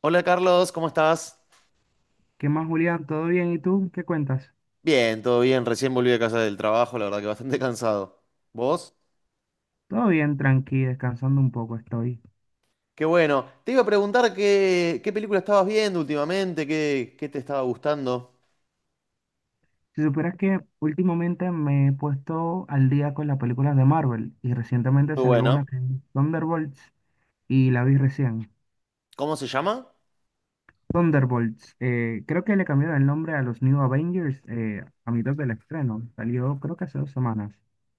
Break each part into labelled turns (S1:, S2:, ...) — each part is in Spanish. S1: Hola Carlos, ¿cómo estás?
S2: ¿Qué más, Julián? ¿Todo bien? ¿Y tú? ¿Qué cuentas?
S1: Bien, todo bien, recién volví a casa del trabajo, la verdad que bastante cansado. ¿Vos?
S2: Todo bien, tranqui, descansando un poco estoy.
S1: Qué bueno. Te iba a preguntar qué película estabas viendo últimamente, qué te estaba gustando.
S2: Si supieras que últimamente me he puesto al día con las películas de Marvel y recientemente
S1: Muy
S2: salió
S1: bueno.
S2: una que es Thunderbolts y la vi recién.
S1: ¿Cómo se llama?
S2: Thunderbolts, creo que le cambiaron el nombre a los New Avengers a mitad del estreno. Salió creo que hace 2 semanas.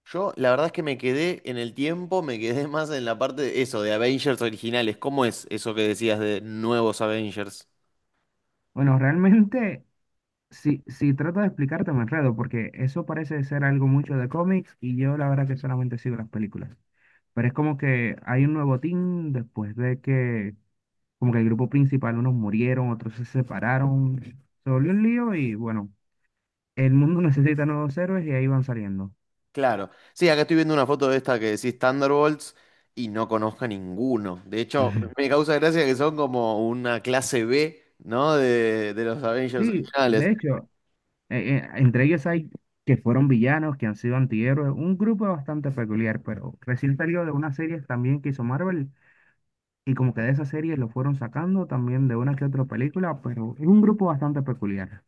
S1: Yo, la verdad es que me quedé en el tiempo, me quedé más en la parte de eso, de Avengers originales. ¿Cómo es eso que decías de nuevos Avengers?
S2: Bueno, realmente, si trato de explicarte me enredo porque eso parece ser algo mucho de cómics y yo la verdad que solamente sigo las películas. Pero es como que hay un nuevo team después de que, como que el grupo principal, unos murieron, otros se separaron, se volvió un lío y bueno, el mundo necesita nuevos héroes y ahí van saliendo.
S1: Claro. Sí, acá estoy viendo una foto de esta que decís Thunderbolts y no conozco a ninguno. De hecho,
S2: Ujú.
S1: me causa gracia que son como una clase B, ¿no? De los Avengers
S2: Sí,
S1: originales.
S2: de hecho, entre ellos hay que fueron villanos, que han sido antihéroes, un grupo bastante peculiar, pero recién salió de unas series también que hizo Marvel y como que de esas series lo fueron sacando también de una que otra película, pero es un grupo bastante peculiar.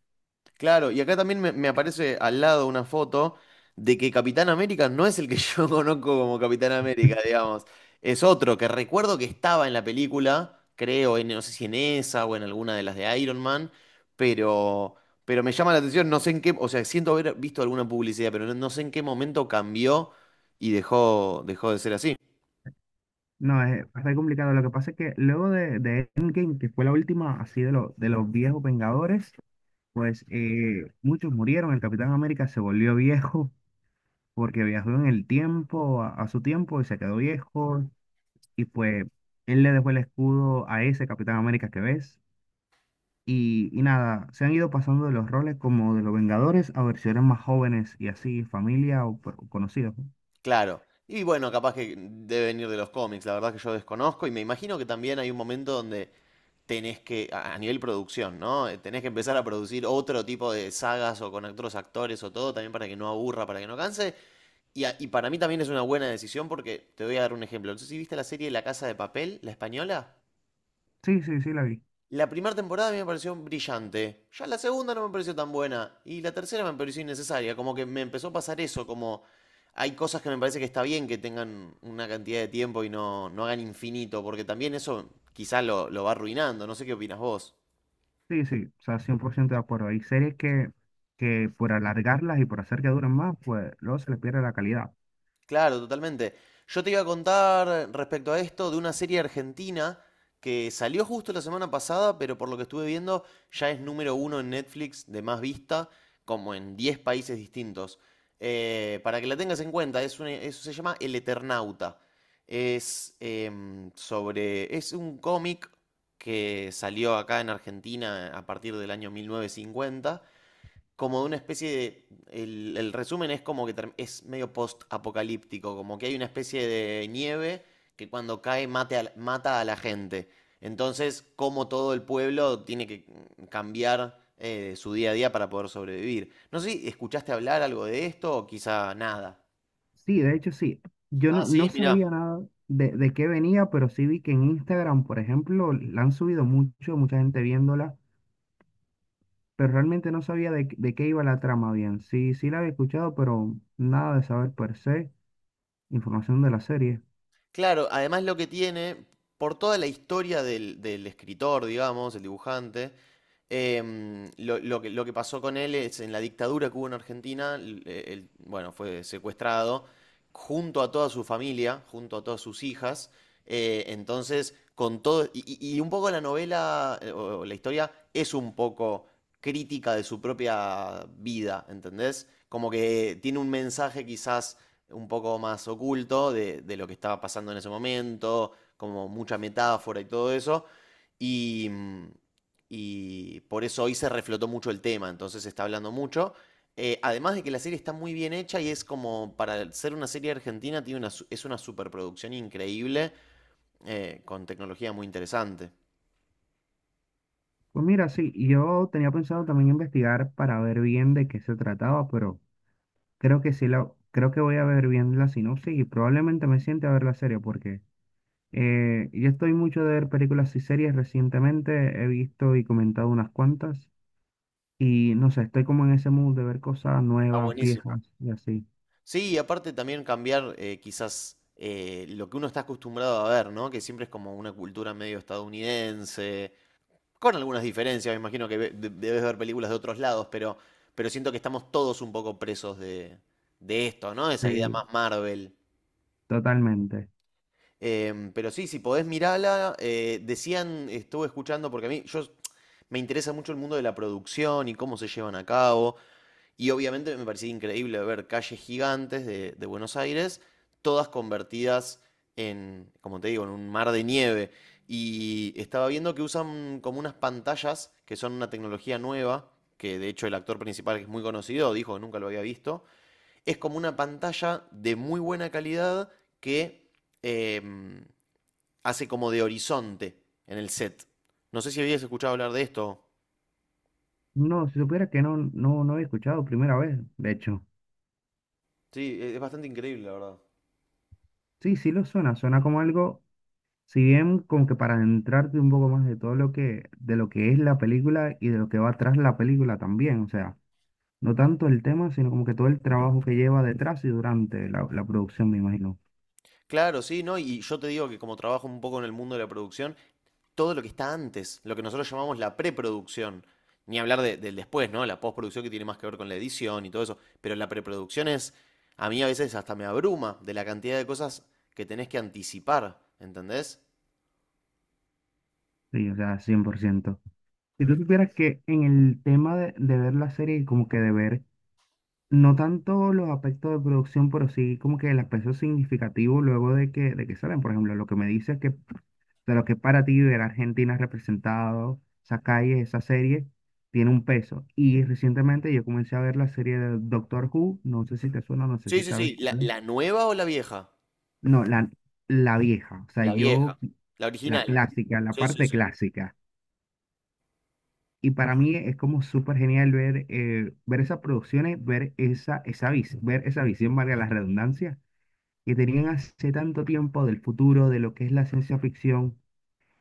S1: Claro, y acá también me aparece al lado una foto de que Capitán América no es el que yo conozco como Capitán América, digamos. Es otro que recuerdo que estaba en la película, creo, no sé si en esa o en alguna de las de Iron Man, pero, pero me llama la atención, no sé en qué, o sea, siento haber visto alguna publicidad, pero no, no sé en qué momento cambió y dejó, dejó de ser así.
S2: No, es bastante complicado. Lo que pasa es que luego de Endgame, que fue la última así de, de los viejos Vengadores, pues muchos murieron. El Capitán América se volvió viejo porque viajó en el tiempo, a su tiempo, y se quedó viejo. Y pues él le dejó el escudo a ese Capitán América que ves. Y nada, se han ido pasando de los roles como de los Vengadores a versiones más jóvenes y así, familia o, conocidos. ¿No?
S1: Claro. Y bueno, capaz que debe venir de los cómics, la verdad que yo desconozco y me imagino que también hay un momento donde tenés que, a nivel producción, ¿no? Tenés que empezar a producir otro tipo de sagas o con otros actores o todo, también para que no aburra, para que no canse. Y para mí también es una buena decisión porque te voy a dar un ejemplo. No sé si viste la serie La Casa de Papel, la española.
S2: Sí, sí, sí, la vi.
S1: La primera temporada a mí me pareció brillante. Ya la segunda no me pareció tan buena. Y la tercera me pareció innecesaria. Como que me empezó a pasar eso. Como hay cosas que me parece que está bien que tengan una cantidad de tiempo y no, no hagan infinito. Porque también eso quizás lo va arruinando. No sé qué opinas vos.
S2: Sí, sí, o sea, 100% de acuerdo. Hay series que por alargarlas y por hacer que duren más, pues luego se les pierde la calidad.
S1: Claro, totalmente. Yo te iba a contar respecto a esto de una serie argentina que salió justo la semana pasada, pero por lo que estuve viendo ya es número uno en Netflix de más vista, como en 10 países distintos. Para que la tengas en cuenta, eso se llama El Eternauta. Es un cómic que salió acá en Argentina a partir del año 1950 como de una especie de. El resumen es como que es medio post-apocalíptico, como que hay una especie de nieve que cuando cae mata a la gente. Entonces, como todo el pueblo tiene que cambiar su día a día para poder sobrevivir. No sé si escuchaste hablar algo de esto o quizá nada.
S2: Sí, de hecho sí. Yo
S1: Ah,
S2: no,
S1: sí,
S2: no
S1: mirá.
S2: sabía nada de, de qué venía, pero sí vi que en Instagram, por ejemplo, la han subido mucho, mucha gente viéndola, pero realmente no sabía de, de qué iba la trama bien. Sí, sí la había escuchado, pero nada de saber per se, información de la serie.
S1: Claro, además lo que tiene, por toda la historia del escritor, digamos, el dibujante, lo que pasó con él es en la dictadura que hubo en Argentina, él, bueno, fue secuestrado junto a toda su familia, junto a todas sus hijas, entonces con todo, y un poco la novela o la historia es un poco crítica de su propia vida, ¿entendés? Como que tiene un mensaje quizás un poco más oculto de lo que estaba pasando en ese momento, como mucha metáfora y todo eso. Y, mm, y por eso hoy se reflotó mucho el tema, entonces se está hablando mucho. Además de que la serie está muy bien hecha y es como para ser una serie argentina, es una superproducción increíble con tecnología muy interesante.
S2: Pues mira, sí, yo tenía pensado también investigar para ver bien de qué se trataba, pero... Creo que sí la, creo que voy a ver bien la sinopsis y probablemente me siente a ver la serie porque yo estoy mucho de ver películas y series recientemente, he visto y comentado unas cuantas y no sé, estoy como en ese mood de ver cosas
S1: Está
S2: nuevas,
S1: buenísimo.
S2: viejas y así.
S1: Sí, y aparte también cambiar quizás lo que uno está acostumbrado a ver, ¿no? Que siempre es como una cultura medio estadounidense, con algunas diferencias, me imagino que debes ver películas de otros lados, pero siento que estamos todos un poco presos de esto, ¿no? Esa idea
S2: Sí,
S1: más Marvel.
S2: totalmente.
S1: Pero sí, si podés mirarla, decían, estuve escuchando, porque a mí yo, me interesa mucho el mundo de la producción y cómo se llevan a cabo. Y obviamente me parecía increíble ver calles gigantes de Buenos Aires, todas convertidas en, como te digo, en un mar de nieve. Y estaba viendo que usan como unas pantallas que son una tecnología nueva, que de hecho el actor principal, que es muy conocido, dijo que nunca lo había visto. Es como una pantalla de muy buena calidad que em, hace como de horizonte en el set. No sé si habías escuchado hablar de esto.
S2: No, si supiera que no, no, no he escuchado primera vez, de hecho.
S1: Sí, es bastante increíble, la verdad.
S2: Sí, sí lo suena, suena como algo, si bien como que para adentrarte un poco más de todo lo que, de lo que es la película y de lo que va atrás la película también, o sea. No tanto el tema, sino como que todo el trabajo que lleva detrás y durante la, la producción, me imagino.
S1: Claro, sí, ¿no? Y yo te digo que como trabajo un poco en el mundo de la producción, todo lo que está antes, lo que nosotros llamamos la preproducción, ni hablar del después, ¿no? La postproducción que tiene más que ver con la edición y todo eso, pero la preproducción es, a mí a veces hasta me abruma de la cantidad de cosas que tenés que anticipar, ¿entendés?
S2: Sí, o sea, cien por ciento. Si tú supieras que en el tema de ver la serie y como que de ver, no tanto los aspectos de producción, pero sí como que el aspecto significativo luego de que salen. Por ejemplo, lo que me dices que de lo que para ti ver a Argentina representado, esa calle, esa serie, tiene un peso. Y recientemente yo comencé a ver la serie de Doctor Who, no sé si te suena, no sé
S1: Sí,
S2: si
S1: sí,
S2: sabes
S1: sí, la,
S2: cuál es.
S1: la nueva o la vieja?
S2: No, la vieja, o sea,
S1: La
S2: yo,
S1: vieja, la
S2: la
S1: original.
S2: clásica, la
S1: Sí, sí,
S2: parte
S1: sí.
S2: clásica. Y para mí es como súper genial ver, ver esas producciones, ver esa, esa, ver esa visión, valga la redundancia, que tenían hace tanto tiempo del futuro, de lo que es la ciencia ficción,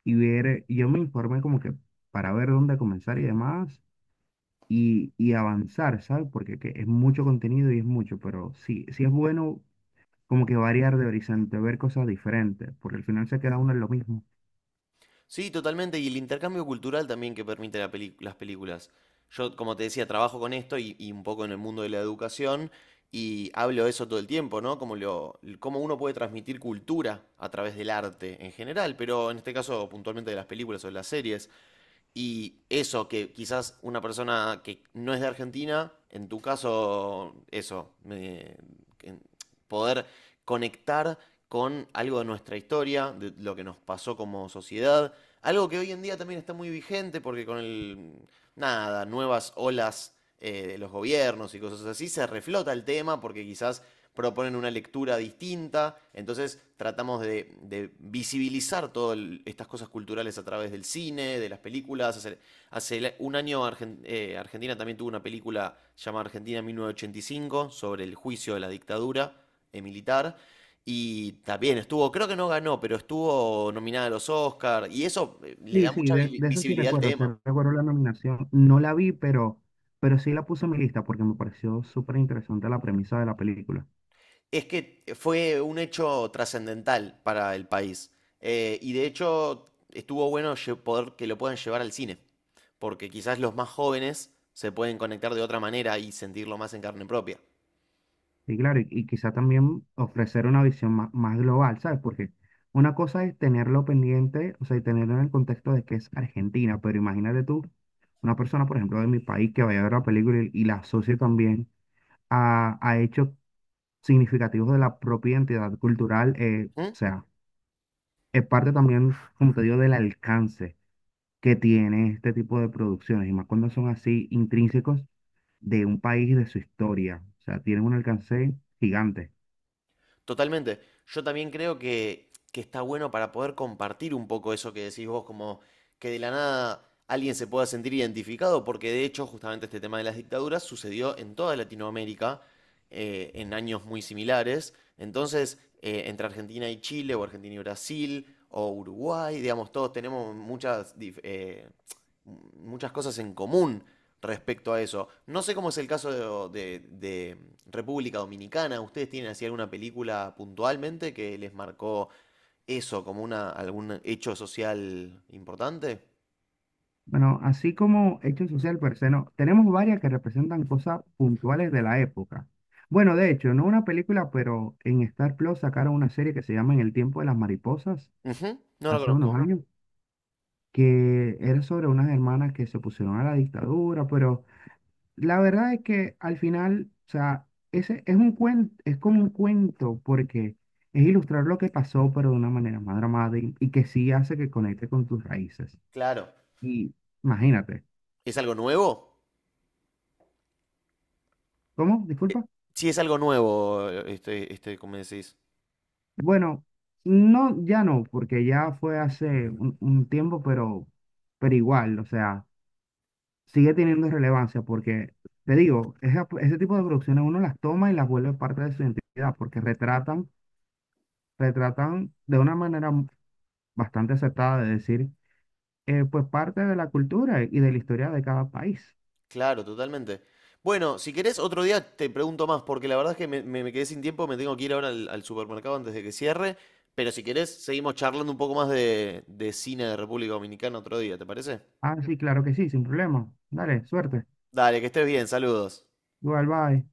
S2: y ver, yo me informé como que para ver dónde comenzar y demás, y avanzar, ¿sabes? Porque que es mucho contenido y es mucho, pero sí, sí es bueno como que variar de horizonte, ver cosas diferentes, porque al final se queda uno en lo mismo.
S1: Sí, totalmente. Y el intercambio cultural también que permite las películas. Yo, como te decía, trabajo con esto y un poco en el mundo de la educación y hablo de eso todo el tiempo, ¿no? Cómo uno puede transmitir cultura a través del arte en general, pero en este caso puntualmente de las películas o de las series. Y eso, que quizás una persona que no es de Argentina, en tu caso, eso, en- poder conectar con algo de nuestra historia, de lo que nos pasó como sociedad, algo que hoy en día también está muy vigente porque con el, nada, nuevas olas de los gobiernos y cosas así, se reflota el tema porque quizás proponen una lectura distinta. Entonces tratamos de visibilizar todas estas cosas culturales a través del cine, de las películas. Hace un año Argentina también tuvo una película llamada Argentina 1985 sobre el juicio de la dictadura militar. Y también estuvo, creo que no ganó, pero estuvo nominada a los Oscars. Y eso le
S2: Sí,
S1: da
S2: sí,
S1: mucha
S2: de eso
S1: visibilidad al
S2: sí
S1: tema.
S2: recuerdo la nominación. No la vi, pero sí la puse en mi lista porque me pareció súper interesante la premisa de la película.
S1: Es que fue un hecho trascendental para el país. Y de hecho, estuvo bueno poder que lo puedan llevar al cine. Porque quizás los más jóvenes se pueden conectar de otra manera y sentirlo más en carne propia.
S2: Y claro, y quizá también ofrecer una visión más, más global, ¿sabes? Porque una cosa es tenerlo pendiente, o sea, y tenerlo en el contexto de que es Argentina, pero imagínate tú, una persona, por ejemplo, de mi país que vaya a ver la película y la asocie también a hechos significativos de la propia identidad cultural,
S1: ¿Mm?
S2: o sea, es parte también, como te digo, del alcance que tiene este tipo de producciones, y más cuando son así intrínsecos de un país y de su historia. O sea, tienen un alcance gigante.
S1: Totalmente. Yo también creo que está bueno para poder compartir un poco eso que decís vos, como que de la nada alguien se pueda sentir identificado, porque de hecho justamente este tema de las dictaduras sucedió en toda Latinoamérica en años muy similares. Entonces, entre Argentina y Chile, o Argentina y Brasil, o Uruguay, digamos, todos tenemos muchas cosas en común respecto a eso. No sé cómo es el caso de República Dominicana. ¿Ustedes tienen así alguna película puntualmente que les marcó eso como algún hecho social importante?
S2: Bueno, así como hecho social per se, no, tenemos varias que representan cosas puntuales de la época. Bueno, de hecho, no una película, pero en Star Plus sacaron una serie que se llama En el tiempo de las mariposas,
S1: Ujú, no lo
S2: hace unos
S1: conozco.
S2: años, que era sobre unas hermanas que se opusieron a la dictadura, pero la verdad es que al final, o sea, ese es un cuento, es como un cuento porque es ilustrar lo que pasó, pero de una manera más dramática y que sí hace que conecte con tus raíces.
S1: Claro.
S2: Y imagínate,
S1: ¿Es algo nuevo?
S2: ¿cómo? Disculpa.
S1: Sí, es algo nuevo, como decís.
S2: Bueno, no, ya no, porque ya fue hace un tiempo, pero igual, o sea, sigue teniendo relevancia porque, te digo, ese tipo de producciones uno las toma y las vuelve parte de su identidad porque retratan, retratan de una manera bastante acertada de decir, pues parte de la cultura y de la historia de cada país.
S1: Claro, totalmente. Bueno, si querés, otro día te pregunto más, porque la verdad es que me quedé sin tiempo, me tengo que ir ahora al supermercado antes de que cierre, pero si querés, seguimos charlando un poco más de cine de República Dominicana otro día, ¿te parece?
S2: Ah, sí, claro que sí, sin problema. Dale, suerte.
S1: Dale, que estés bien, saludos.
S2: Igual, bye.